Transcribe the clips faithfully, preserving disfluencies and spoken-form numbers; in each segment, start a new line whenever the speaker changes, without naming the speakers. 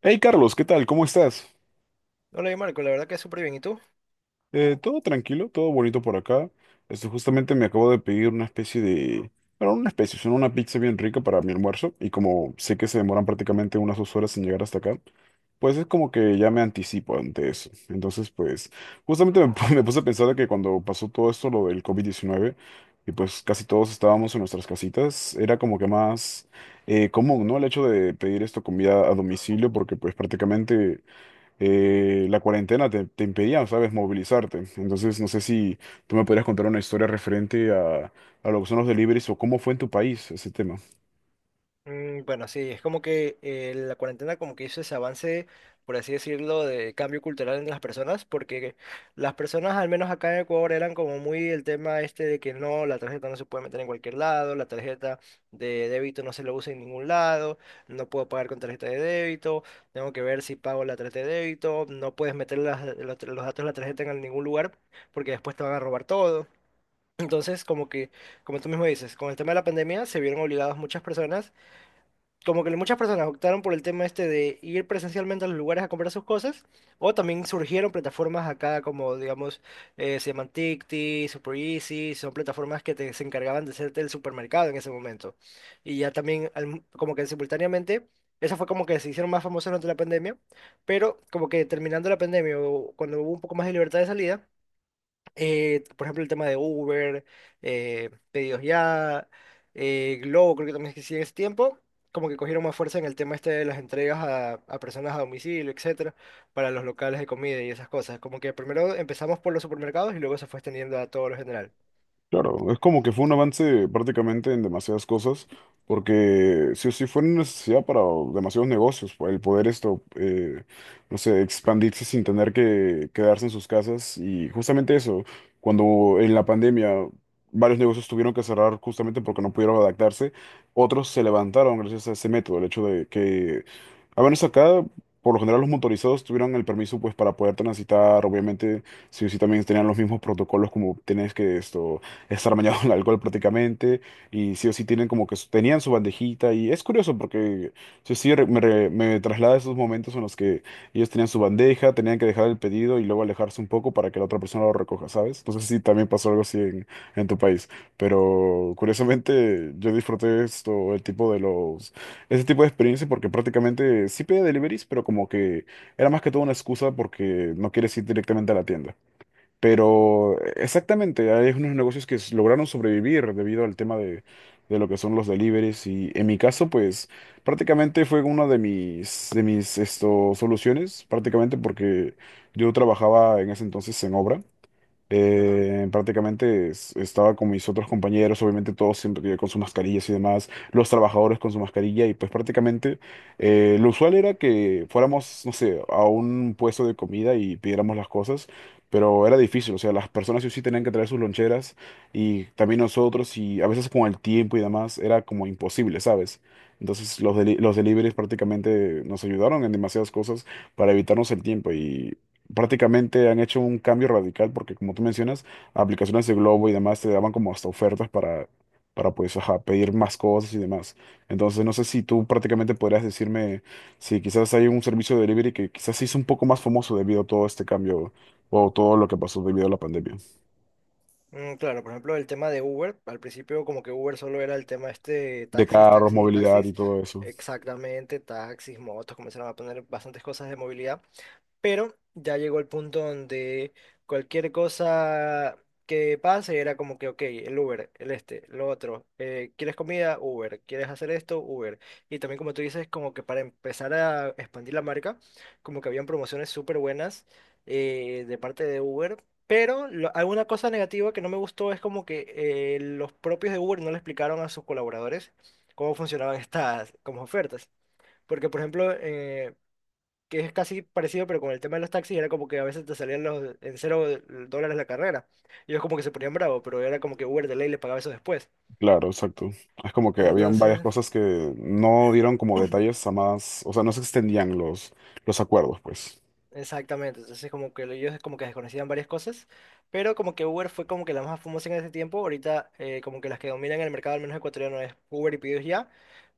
Hey Carlos, ¿qué tal? ¿Cómo estás?
Hola, y Marco, la verdad que súper bien. ¿Y tú?
Eh, todo tranquilo, todo bonito por acá. Esto justamente me acabo de pedir una especie de... Bueno, una especie, sino una pizza bien rica para mi almuerzo. Y como sé que se demoran prácticamente unas dos horas en llegar hasta acá, pues es como que ya me anticipo ante eso. Entonces, pues, justamente me, pu- me puse a pensar de que cuando pasó todo esto, lo del covid diecinueve y pues casi todos estábamos en nuestras casitas, era como que más eh, común, ¿no? El hecho de pedir esto comida a domicilio, porque pues prácticamente eh, la cuarentena te, te impedía, ¿sabes?, movilizarte. Entonces, no sé si tú me podrías contar una historia referente a, a lo que son los deliveries o cómo fue en tu país ese tema.
Mm, bueno, sí, es como que eh, la cuarentena como que hizo ese avance, por así decirlo, de cambio cultural en las personas, porque las personas, al menos acá en Ecuador, eran como muy el tema este de que no, la tarjeta no se puede meter en cualquier lado, la tarjeta de débito no se lo usa en ningún lado, no puedo pagar con tarjeta de débito, tengo que ver si pago la tarjeta de débito, no puedes meter las- los, los datos de la tarjeta en ningún lugar porque después te van a robar todo. Entonces, como que, como tú mismo dices, con el tema de la pandemia se vieron obligadas muchas personas, como que muchas personas optaron por el tema este de ir presencialmente a los lugares a comprar sus cosas, o también surgieron plataformas acá como, digamos, eh, se llaman Tikti, Super Easy, son plataformas que te, se encargaban de hacerte el supermercado en ese momento. Y ya también, al- como que simultáneamente, esa fue como que se hicieron más famosas durante la pandemia, pero como que terminando la pandemia o cuando hubo un poco más de libertad de salida eh, por ejemplo, el tema de Uber, eh, pedidos ya, eh, Globo, creo que también es que sí en ese tiempo, como que cogieron más fuerza en el tema este de las entregas a, a personas a domicilio, etcétera, para los locales de comida y esas cosas. Como que primero empezamos por los supermercados y luego se fue extendiendo a todo lo general.
Claro, es como que fue un avance prácticamente en demasiadas cosas, porque sí o sí fue una necesidad para demasiados negocios, el poder esto, eh, no sé, expandirse sin tener que quedarse en sus casas. Y justamente eso, cuando en la pandemia varios negocios tuvieron que cerrar justamente porque no pudieron adaptarse, otros se levantaron gracias a ese método, el hecho de que, a menos acá, por lo general los motorizados tuvieron el permiso pues para poder transitar, obviamente, sí o sí también tenían los mismos protocolos como tenés que esto estar bañado en alcohol prácticamente, y sí o sí tienen como que su- tenían su bandejita, y es curioso porque sí o sí re- me, re- me traslada a esos momentos en los que ellos tenían su bandeja, tenían que dejar el pedido y luego alejarse un poco para que la otra persona lo recoja, ¿sabes? No sé si también pasó algo así en, en tu país, pero curiosamente yo disfruté esto, el tipo de los, ese tipo de experiencia porque prácticamente sí pedía deliveries, pero como que era más que todo una excusa porque no quieres ir directamente a la tienda. Pero exactamente, hay unos negocios que s- lograron sobrevivir debido al tema de, de lo que son los deliveries y en mi caso pues prácticamente fue una de mis, de mis esto, soluciones, prácticamente porque yo trabajaba en ese entonces en obra.
Ajá.
Eh, prácticamente es- estaba con mis otros compañeros, obviamente todos siempre con sus mascarillas y demás, los trabajadores con su mascarilla y pues prácticamente eh, lo usual era que fuéramos, no sé, a un puesto de comida y pidiéramos las cosas, pero era difícil, o sea, las personas sí o sí tenían que traer sus loncheras y también nosotros y a veces con el tiempo y demás era como imposible, ¿sabes? Entonces los, deli- los deliveries prácticamente nos ayudaron en demasiadas cosas para evitarnos el tiempo, prácticamente han hecho un cambio radical porque como tú mencionas, aplicaciones de Globo y demás te daban como hasta ofertas para, para pues ajá, pedir más cosas y demás. Entonces no sé si tú prácticamente podrías decirme si quizás hay un servicio de delivery que quizás se hizo un poco más famoso debido a todo este cambio o todo lo que pasó debido a la pandemia.
Mm, claro, por ejemplo, el tema de Uber, al principio como que Uber solo era el tema este
De
taxis,
carros,
taxis y
movilidad y
taxis,
todo eso.
exactamente, taxis, motos, comenzaron a poner bastantes cosas de movilidad. Pero ya llegó el punto donde cualquier cosa que pase era como que, ok, el Uber, el este, lo otro, eh, ¿quieres comida? Uber, ¿quieres hacer esto? Uber. Y también como tú dices, como que para empezar a expandir la marca, como que habían promociones súper buenas eh, de parte de Uber. Pero lo- alguna cosa negativa que no me gustó es como que eh, los propios de Uber no le explicaron a sus colaboradores cómo funcionaban estas como ofertas. Porque, por ejemplo, eh, que es casi parecido, pero con el tema de los taxis era como que a veces te salían los, en cero dólares la carrera. Y ellos como que se ponían bravos, pero era como que Uber de ley les pagaba eso después.
Claro, exacto. Es como que habían varias
Entonces,
cosas que no dieron como detalles a más, o sea, no se extendían los, los acuerdos, pues.
exactamente, entonces como que ellos como que desconocían varias cosas, pero como que Uber fue como que la más famosa en ese tiempo, ahorita eh, como que las que dominan el mercado, al menos ecuatoriano, es Uber y Pedidos Ya,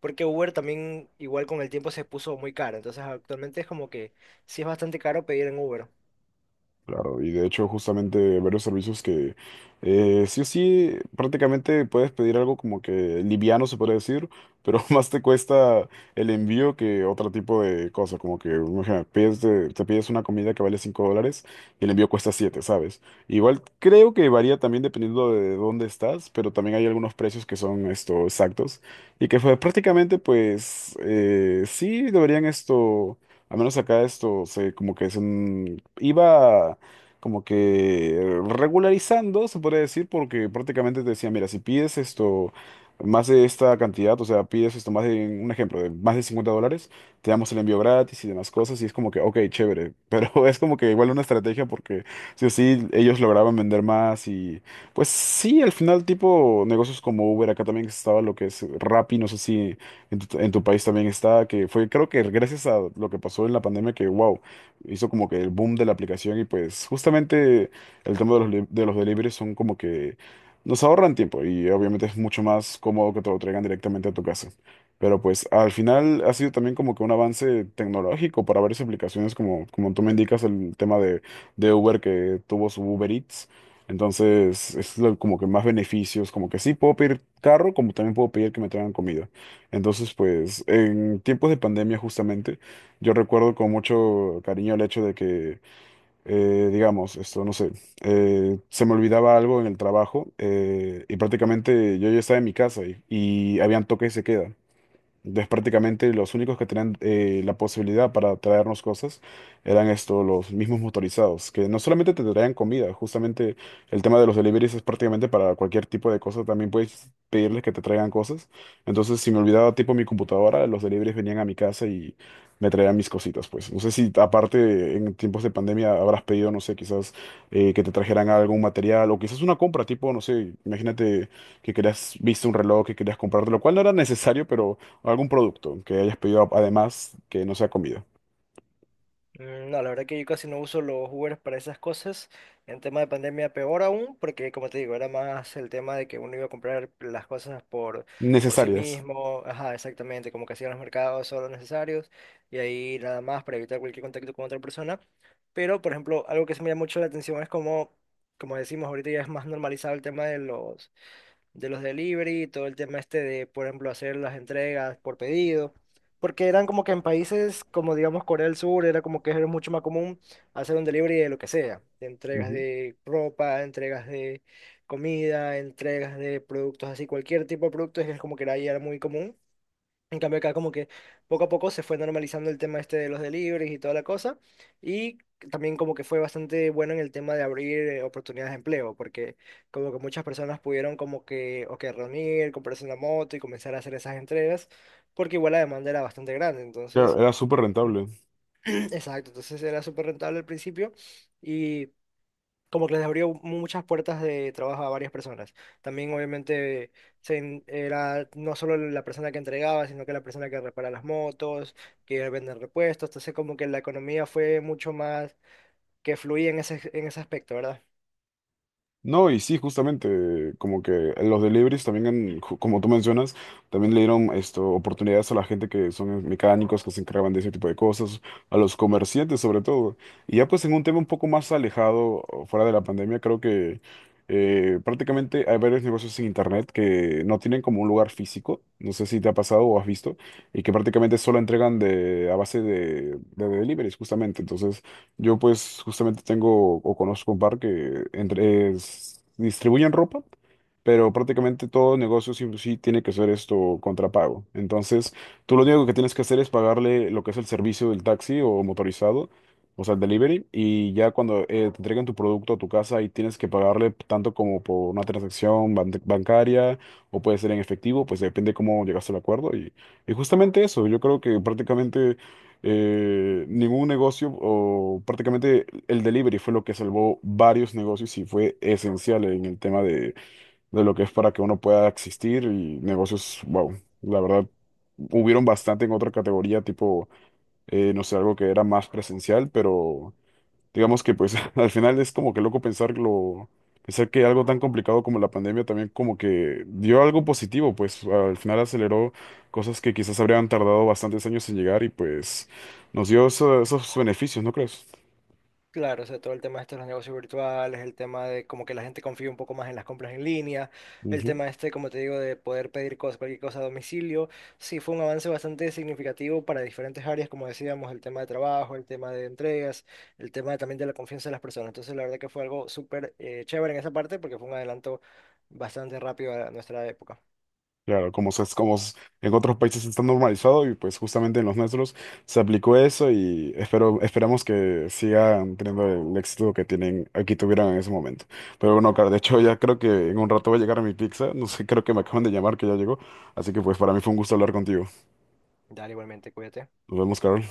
porque Uber también igual con el tiempo se puso muy caro, entonces actualmente es como que sí es bastante caro pedir en Uber.
Claro, y de hecho justamente varios servicios que eh, sí o sí prácticamente puedes pedir algo como que liviano se puede decir, pero más te cuesta el envío que otro tipo de cosa, como que imagina, pides de- te pides una comida que vale cinco dólares y el envío cuesta siete, ¿sabes? Igual creo que varía también dependiendo de dónde estás, pero también hay algunos precios que son esto exactos y que fue prácticamente pues eh, sí deberían esto... Al menos acá esto se como que es un iba como que regularizando, se podría decir, porque prácticamente te decía, mira, si pides esto, más de esta cantidad, o sea, pides esto, más de, un ejemplo, de más de cincuenta dólares, te damos el envío gratis y demás cosas, y es como que, ok, chévere, pero es como que igual una estrategia porque sí o sí ellos lograban vender más y pues sí, al final tipo negocios como Uber, acá también estaba lo que es Rappi, no sé si en tu, en tu país también está, que fue creo que gracias a lo que pasó en la pandemia que, wow, hizo como que el boom de la aplicación y pues justamente el tema de los, li- de los deliveries son como que nos ahorran tiempo y obviamente es mucho más cómodo que te lo traigan directamente a tu casa. Pero pues al final ha sido también como que un avance tecnológico para varias aplicaciones como, como tú me indicas el tema de, de Uber que tuvo su Uber Eats. Entonces es lo- como que más beneficios, como que sí puedo pedir carro, como también puedo pedir que me traigan comida. Entonces pues en tiempos de pandemia justamente yo recuerdo con mucho cariño el hecho de que, eh, digamos, esto, no sé, eh, se me olvidaba algo en el trabajo eh, y prácticamente yo ya estaba en mi casa y, y habían toque y se queda. Entonces, prácticamente los únicos que tenían eh, la posibilidad para traernos cosas eran estos, los mismos motorizados, que no solamente te traían comida, justamente el tema de los deliveries es prácticamente para cualquier tipo de cosa, también puedes pedirles que te traigan cosas. Entonces, si me olvidaba tipo mi computadora, los deliveries venían a mi casa y me traían mis cositas, pues. No sé si aparte en tiempos de pandemia habrás pedido, no sé, quizás eh, que te trajeran algún material o quizás una compra, tipo, no sé, imagínate que querías, viste un reloj que querías comprarte, lo cual no era necesario, pero o algún producto que hayas pedido además que no sea comida.
Mm, no, la verdad que yo casi no uso los Ubers para esas cosas. En tema de pandemia, peor aún, porque como te digo, era más el tema de que uno iba a comprar las cosas por, por sí
Necesarias.
mismo. Ajá, exactamente, como que hacían los mercados solo necesarios y ahí nada más para evitar cualquier contacto con otra persona. Pero, por ejemplo, algo que se me llama mucho la atención es como, como decimos, ahorita ya es más normalizado el tema de los de los delivery, todo el tema este de, por ejemplo, hacer las entregas por pedido, porque eran como que en países como, digamos, Corea del Sur, era como que era mucho más común hacer un delivery de lo que sea, de entregas
Ujú.
de ropa, entregas de comida, entregas de productos así, cualquier tipo de productos, es como que era, ahí era muy común. En cambio acá como que poco a poco se fue normalizando el tema este de los deliveries y toda la cosa y también como que fue bastante bueno en el tema de abrir eh, oportunidades de empleo porque como que muchas personas pudieron como que o que reunir, comprarse una moto y comenzar a hacer esas entregas porque igual la demanda era bastante grande,
Claro,
entonces,
era súper rentable.
exacto, entonces era súper rentable al principio y como que les abrió muchas puertas de trabajo a varias personas. También obviamente se en- era no solo la persona que entregaba, sino que la persona que repara las motos, que vende repuestos, entonces como que la economía fue mucho más que fluía en ese, en ese aspecto, ¿verdad?
No, y sí, justamente, como que los deliveries también, han, ju- como tú mencionas, también le dieron esto, oportunidades a la gente que son mecánicos, que se encargaban de ese tipo de cosas, a los comerciantes sobre todo. Y ya pues en un tema un poco más alejado, o fuera de la pandemia, creo que eh, prácticamente hay varios negocios en internet que no tienen como un lugar físico, no sé si te ha pasado o has visto, y que prácticamente solo entregan de, a base de, de deliveries, justamente. Entonces... Yo pues justamente tengo o conozco un par que entre es- distribuyen ropa, pero prácticamente todo negocio sí, sí tiene que ser esto contrapago. Entonces, tú lo único que tienes que hacer es pagarle lo que es el servicio del taxi o motorizado, o sea, el delivery, y ya cuando eh, te entreguen tu producto a tu casa y tienes que pagarle tanto como por una transacción ban- bancaria o puede ser en efectivo, pues depende cómo llegaste al acuerdo. Y, y justamente eso, yo creo que prácticamente... eh, ningún negocio o prácticamente el delivery fue lo que salvó varios negocios y fue esencial en el tema de lo que es para que uno pueda existir y negocios, wow, la verdad, hubieron bastante en otra categoría, tipo, eh, no sé, algo que era más presencial, pero digamos que pues al final es como que loco pensarlo, pensar que algo tan complicado como la pandemia también como que dio algo positivo, pues al final aceleró cosas que quizás habrían tardado bastantes años en llegar y pues nos dio eso- esos beneficios, ¿no crees?
Claro, o sea, todo el tema este de los negocios virtuales, el tema de como que la gente confía un poco más en las compras en línea, el
Ujú.
tema este, como te digo, de poder pedir cosas, cualquier cosa a domicilio, sí fue un avance bastante significativo para diferentes áreas, como decíamos, el tema de trabajo, el tema de entregas, el tema también de la confianza de las personas. Entonces, la verdad que fue algo súper eh, chévere en esa parte porque fue un adelanto bastante rápido a nuestra época.
Claro, como, se- como s- en otros países está normalizado y pues justamente en los nuestros se aplicó eso y espero, esperamos que sigan teniendo el éxito que tienen, aquí tuvieron en ese momento. Pero bueno, claro, de hecho ya creo que en un rato va a llegar mi pizza, no sé, creo que me acaban de llamar que ya llegó, así que pues para mí fue un gusto hablar contigo.
Dale, igualmente, cuídate.
Nos vemos, Carol.